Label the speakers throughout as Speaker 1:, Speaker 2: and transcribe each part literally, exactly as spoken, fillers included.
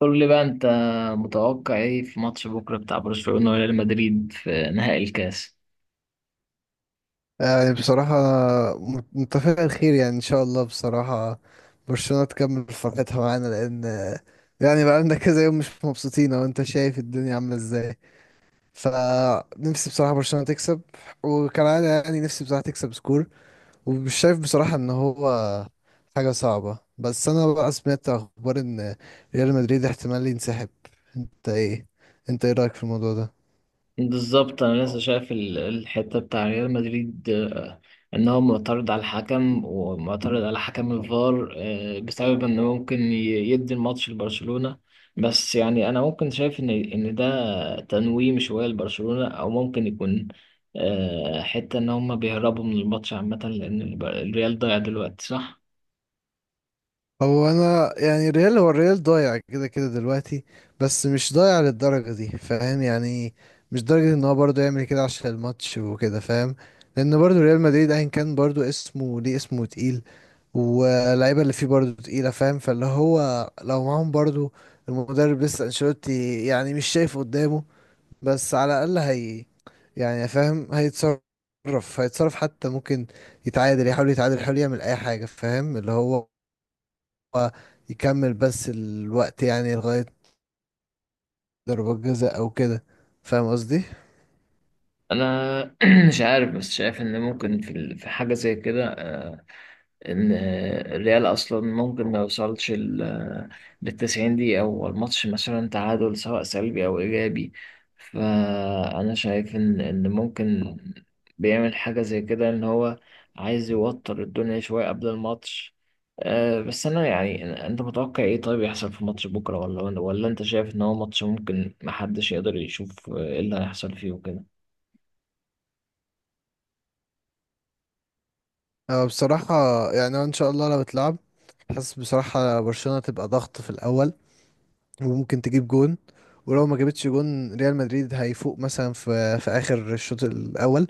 Speaker 1: قول لي بقى انت متوقع ايه في ماتش بكره بتاع برشلونه وريال مدريد في نهائي الكاس.
Speaker 2: يعني بصراحة متفق الخير، يعني إن شاء الله، بصراحة برشلونة تكمل فرحتها معانا، لأن يعني بقالنا كذا يوم مش مبسوطين، أو أنت شايف الدنيا عاملة إزاي. فنفسي بصراحة برشلونة تكسب، وكان يعني نفسي بصراحة تكسب سكور، ومش شايف بصراحة إن هو حاجة صعبة. بس أنا بقى سمعت أخبار إن ريال مدريد احتمال ينسحب. أنت إيه أنت إيه رأيك في الموضوع ده؟
Speaker 1: بالظبط انا لسه شايف ال- الحته بتاع ريال مدريد، آه، ان هو معترض على الحكم ومعترض على حكم الفار، آه، بسبب انه ممكن ي- يدي الماتش لبرشلونه. بس يعني انا ممكن شايف ان ان ده تنويم شويه لبرشلونه او ممكن يكون، آه، حته ان هم بيهربوا من الماتش عامه لان الب- الريال ضايع دلوقتي صح.
Speaker 2: هو انا يعني ريال هو الريال ضايع كده كده دلوقتي، بس مش ضايع للدرجة دي، فاهم يعني؟ مش درجة ان هو برضه يعمل كده عشان الماتش وكده، فاهم؟ لان برضه ريال مدريد ايا كان برضه اسمه، ليه اسمه تقيل، واللعيبة اللي فيه برضه تقيلة، فاهم؟ فاللي هو لو معاهم برضه المدرب لسه انشيلوتي، يعني مش شايف قدامه. بس على الاقل هي يعني، فاهم، هيتصرف. هيتصرف حتى ممكن يتعادل يحاول يتعادل، يحاول يعمل اي حاجة، فاهم؟ اللي هو هو يكمل بس الوقت، يعني لغاية ضربات جزاء أو كده، فاهم قصدي؟
Speaker 1: انا مش عارف بس شايف ان ممكن في ال- في حاجه زي كده، آه، ان آه، الريال اصلا ممكن ما يوصلش لل تسعين دقيقه او الماتش مثلا تعادل سواء سلبي او ايجابي. فانا شايف ان ان ممكن بيعمل حاجه زي كده ان هو عايز يوتر الدنيا شويه قبل الماتش. آه، بس انا يعني أنا- انت متوقع ايه طيب يحصل في ماتش بكره ولا ولا انت شايف ان هو ماتش ممكن محدش يقدر يشوف، آه، ايه اللي هيحصل فيه وكده؟
Speaker 2: أه بصراحة، يعني هو إن شاء الله لو اتلعب، حاسس بصراحة برشلونة تبقى ضغط في الأول وممكن تجيب جون. ولو ما جابتش جون، ريال مدريد هيفوق مثلا في في آخر الشوط الأول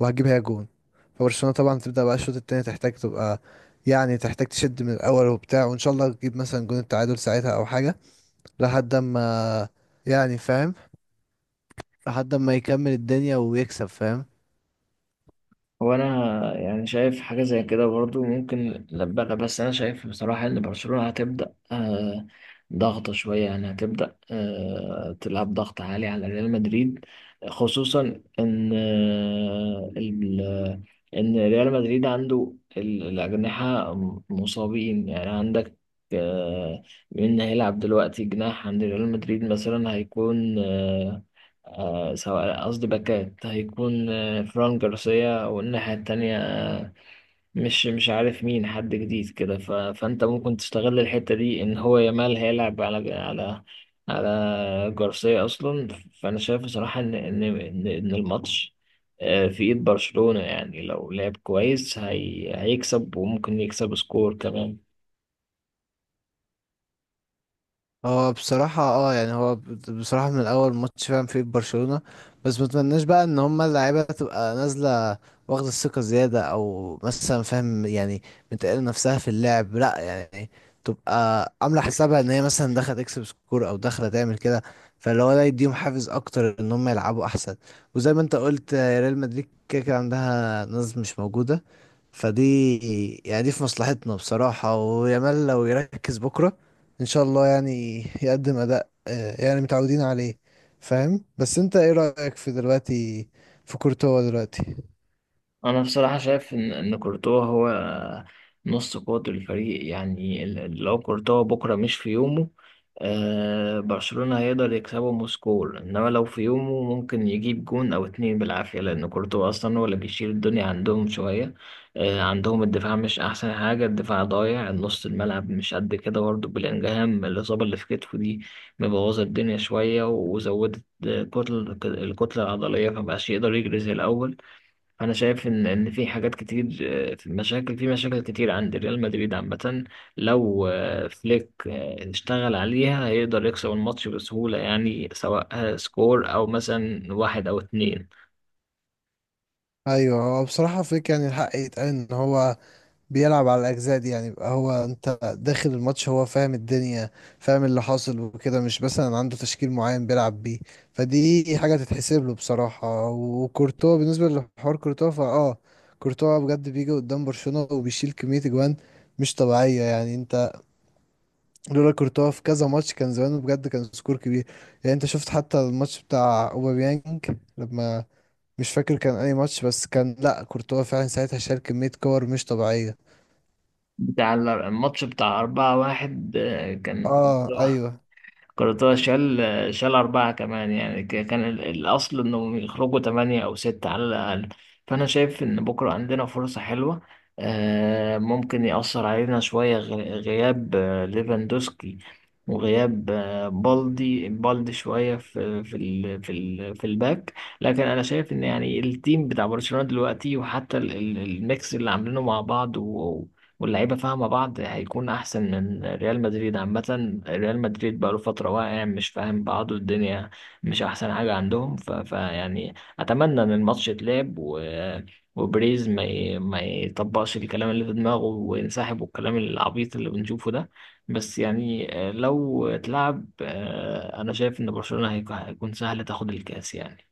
Speaker 2: وهتجيب هي جون. فبرشلونة طبعا تبدأ بقى الشوط التاني، تحتاج تبقى، يعني تحتاج تشد من الأول وبتاع، وإن شاء الله تجيب مثلا جون التعادل ساعتها أو حاجة، لحد ما يعني، فاهم، لحد ما يكمل الدنيا ويكسب، فاهم؟
Speaker 1: هو انا يعني شايف حاجه زي كده برضو ممكن نبقى، بس انا شايف بصراحه ان برشلونه هتبدا، آه، ضغط شويه يعني هتبدا آه، تلعب ضغط عالي على ريال مدريد، خصوصا ان آه، ال- ان ريال مدريد عنده ال- الاجنحه مصابين. يعني عندك آه، مين هيلعب دلوقتي جناح عند ريال مدريد مثلا، هيكون آه، آه، سواء قصدي باكات، هيكون فران جارسيا والناحية التانية مش مش عارف مين، حد جديد كده. ف... فأنت ممكن تستغل الحتة دي إن هو يامال هيلعب على على على جارسيا أصلا. فأنا شايف بصراحة إن إن إن إن الماتش، آه، في إيد برشلونة يعني لو لعب كويس هي... هيكسب وممكن يكسب سكور كمان.
Speaker 2: هو بصراحة، اه يعني هو ب- بصراحة من الأول ماتش فاهم فيه برشلونة. بس متمناش بقى إن هما اللعيبة تبقى نازلة واخدة الثقة زيادة، أو مثلا، فاهم يعني، متقلة نفسها في اللعب، لأ يعني، تبقى عاملة حسابها إن هي مثلا داخلة تكسب سكور أو داخلة تعمل كده. فاللي هو ده يديهم حافز أكتر إن هما يلعبوا أحسن. وزي ما أنت قلت، آه، ريال مدريد كده كده عندها ناس مش موجودة، فدي، يعني دي في مصلحتنا بصراحة. ويامال لو يركز بكرة، ان شاء الله يعني يقدم اداء، آه، يعني متعودين عليه. فاهم؟ بس انت ايه رأيك في دلوقتي في كورتوا دلوقتي؟
Speaker 1: انا بصراحه شايف ان ان كورتوا هو نص قوة الفريق. يعني ال- ال- لو كورتوا بكره مش في يومه، آه، برشلونه هيقدر يكسبه مسكول، انما لو في يومه ممكن يجيب جون او اتنين بالعافيه، لان كورتوا اصلا هو اللي بيشيل الدنيا عندهم شويه. آه، عندهم الدفاع مش احسن حاجه، الدفاع ضايع، نص الملعب مش قد كده برضه. بلينجهام الاصابه اللي في كتفه دي مبوظه الدنيا شويه وزودت الكتل الكتله العضليه، فمبقاش يقدر يجري زي الاول. انا شايف ان ان في حاجات كتير، آه، في مشاكل في مشاكل كتير عند ريال مدريد عامه. لو، آه، فليك، آه، اشتغل عليها هيقدر يكسب الماتش بسهوله، يعني سواء، آه، سكور او مثلا واحد او اتنين.
Speaker 2: ايوه، هو بصراحة فيك يعني الحق يتقال، ان هو بيلعب على الاجزاء دي، يعني يبقى هو، انت داخل الماتش، هو فاهم الدنيا، فاهم اللي حاصل وكده، مش مثلا عنده تشكيل معين بيلعب بيه. فدي حاجة تتحسب له بصراحة. وكورتوا، بالنسبة لحوار كورتوا، فاه، كورتوا بجد بيجي قدام برشلونة وبيشيل كمية اجوان مش طبيعية. يعني انت لولا كورتوا في كذا ماتش، كان زمانه بجد كان سكور كبير. يعني انت شفت حتى الماتش بتاع اوباميانج لما، مش فاكر كان اي ماتش، بس كان لا كورتوا فعلا ساعتها شال كمية كور مش طبيعية.
Speaker 1: بتاع ال- الماتش بتاع أربعة واحد، آه، كان
Speaker 2: اه ايوه.
Speaker 1: كورتوا شال شال أربعة كمان. يعني ك- كان ال- الأصل إنهم يخرجوا تمانية أو ستة على الأقل. فأنا شايف إن بكرة عندنا فرصة حلوة. آه، ممكن يأثر علينا شوية غ- غياب، آه، ليفاندوسكي، وغياب، آه، بالدي بالدي شوية في في ال في ال في الباك. لكن أنا شايف إن يعني التيم بتاع برشلونة دلوقتي، وحتى ال- ال- الميكس اللي عاملينه مع بعض واللعيبه فاهمه بعض، هيكون احسن من ريال مدريد. عامه ريال مدريد بقاله فتره واقع، مش فاهم بعضه، الدنيا مش احسن حاجه عندهم. ف... فيعني اتمنى ان الماتش يتلعب، و... وبريز ما ي... ما يطبقش الكلام اللي في دماغه وينسحب، والكلام العبيط اللي بنشوفه ده. بس يعني، آه، لو اتلعب، آه، انا شايف ان برشلونه هيك- هيكون سهل تاخد الكاس يعني.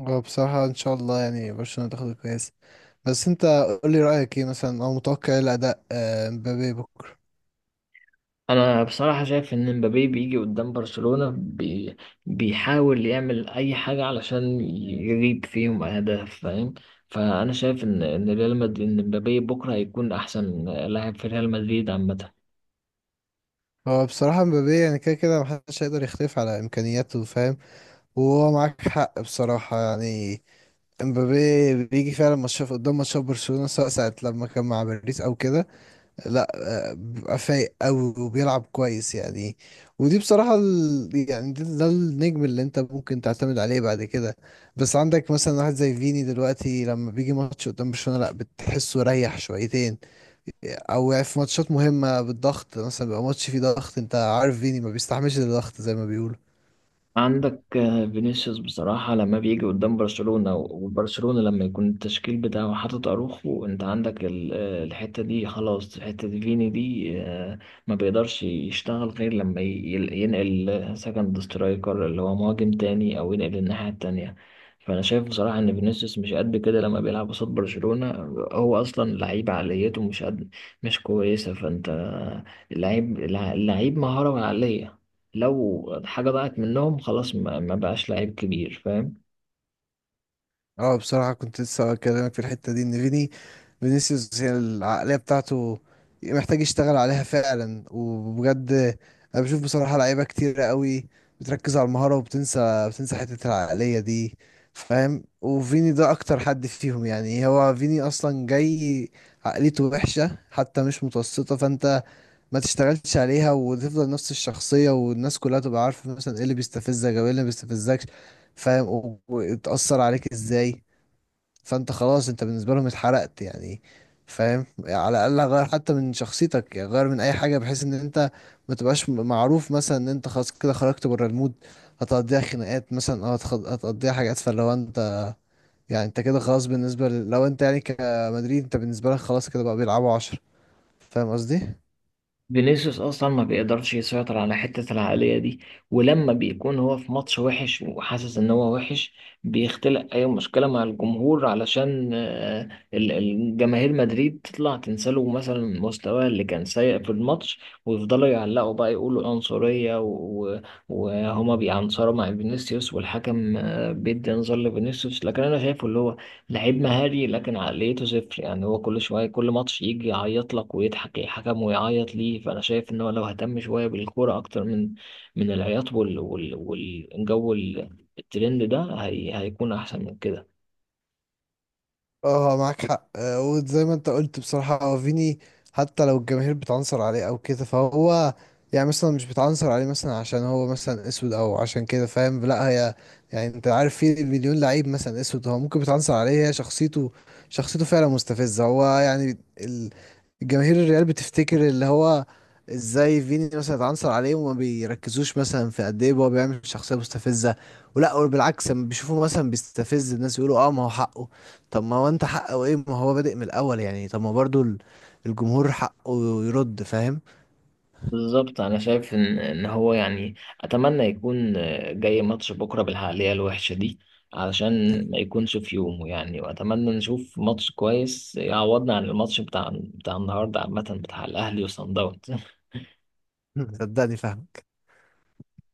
Speaker 2: هو بصراحة ان شاء الله يعني برشلونة تاخد الكاس. بس انت قول لي رأيك ايه مثلا، او متوقع ايه الاداء، آه، مبابي بكرة؟
Speaker 1: انا بصراحه شايف ان مبابي بيجي قدام برشلونه، بي... بيحاول يعمل اي حاجه علشان يجيب فيهم اهداف فاهم. فانا شايف ان ان ريال مدريد ان مبابي بكره هيكون احسن لاعب في ريال مدريد عامه.
Speaker 2: هو بصراحة مبابي، يعني كده كده محدش هيقدر يختلف على امكانياته، فاهم؟ هو معاك حق بصراحة يعني. امبابي بيجي فعلا ماتشات قدام ماتشات برشلونة، سواء ساعة لما كان مع باريس او كده، لا، آه، بيبقى فايق قوي وبيلعب كويس يعني. ودي بصراحة ال... يعني ده, ده النجم اللي انت ممكن تعتمد عليه بعد كده. بس عندك مثلا واحد زي فيني دلوقتي، لما بيجي ماتش قدام برشلونة، لا بتحسه ريح شويتين. او يعني في ماتشات مهمة بالضغط، مثلا بيبقى ماتش فيه ضغط، انت عارف فيني ما بيستحملش الضغط زي ما بيقولوا.
Speaker 1: عندك، آه، فينيسيوس بصراحة لما بيجي قدام برشلونة، وبرشلونة لما يكون التشكيل بتاعه حاطط أروخو، أنت عندك ال- آه، الحتة دي خلاص، حتة فيني دي، آه، ما بيقدرش يشتغل غير لما ي- يل- ينقل سكند سترايكر اللي هو مهاجم تاني، أو ينقل الناحية التانية. فأنا شايف بصراحة إن فينيسيوس مش قد كده لما بيلعب قصاد برشلونة. هو أصلا لعيب عقليته مش قد، مش كويسة. فأنت اللعيب اللعيب مهارة وعقلية، لو حاجة ضاعت منهم خلاص، ما, ما بقاش لعيب كبير فاهم.
Speaker 2: اه بصراحة كنت لسه اكلمك في الحتة دي، ان فيني، فينيسيوس، هي العقلية بتاعته محتاج يشتغل عليها فعلا وبجد. انا بشوف بصراحة لعيبة كتير قوي بتركز على المهارة وبتنسى، بتنسى حتة العقلية دي، فاهم؟ وفيني ده اكتر حد فيهم، يعني هو فيني اصلا جاي عقليته وحشة، حتى مش متوسطة. فانت ما تشتغلش عليها، وتفضل نفس الشخصية، والناس كلها تبقى عارفة مثلا ايه اللي بيستفزك او ايه اللي ما بيستفزكش، فاهم؟ و- وتأثر عليك ازاي. فانت خلاص، انت بالنسبه لهم اتحرقت يعني، فاهم؟ على الاقل غير حتى من شخصيتك، يعني غير من اي حاجه، بحيث ان انت ما تبقاش م- معروف مثلا ان انت خلاص كده خرجت بره المود. هتقضيها خناقات مثلا، او هتخ- هتقضيها حاجات. فلو انت، يعني انت كده خلاص بالنسبه ل... لو انت يعني كمدريد، انت بالنسبه لك خلاص كده بقى بيلعبوا عشرة، فاهم قصدي؟
Speaker 1: فينيسيوس أصلا ما بيقدرش يسيطر على حتة العقلية دي، ولما بيكون هو في ماتش وحش وحاسس إن هو وحش، بيختلق أي مشكلة مع الجمهور علشان، آه، ال- الجماهير مدريد تطلع تنساله مثلا مستواه اللي كان سيء في الماتش، ويفضلوا يعلقوا بقى يقولوا عنصرية و- و- وهما بيعنصروا مع فينيسيوس، والحكم، آه، بيدي انذار لفينيسيوس. لكن أنا شايفه اللي هو لعيب مهاري لكن عقليته صفر. يعني هو كل شوية كل ماتش يجي يعيط لك ويضحك الحكم ويعيط ليه. فأنا شايف إن هو لو اهتم شوية بالكورة أكتر من من العياط وال وال والجو ال- الترند ده، هي هيكون أحسن من كده.
Speaker 2: اه معاك حق، آه، وزي ما انت قلت بصراحة، هو فيني حتى لو الجماهير بتعنصر عليه او كده، فهو يعني مثلا مش بتعنصر عليه مثلا عشان هو مثلا اسود، او عشان كده، فاهم؟ لا، هي يعني، انت عارف في مليون لعيب مثلا اسود، هو ممكن بتعنصر عليه، هي شخصيته، شخصيته فعلا مستفزة. هو يعني ال- الجماهير الريال بتفتكر اللي هو ازاي فيني مثلا اتعنصر عليه، وما بيركزوش مثلا في قد ايه هو بيعمل شخصية مستفزة. ولا بالعكس لما بيشوفوه مثلا بيستفز الناس يقولوا اه ما هو حقه. طب ما هو انت حقه ايه؟ ما هو بادئ من الاول، يعني طب ما برضو ال- الجمهور حقه يرد، فاهم؟
Speaker 1: بالظبط أنا شايف إن إن هو يعني أتمنى يكون، آه، جاي ماتش بكرة بالعقلية الوحشة دي، علشان ما يكونش في يومه يعني. وأتمنى نشوف ماتش كويس يعوضنا عن الماتش بتاع بتاع النهاردة عامة، بتاع الأهلي وصن داونز.
Speaker 2: صدقني فاهمك.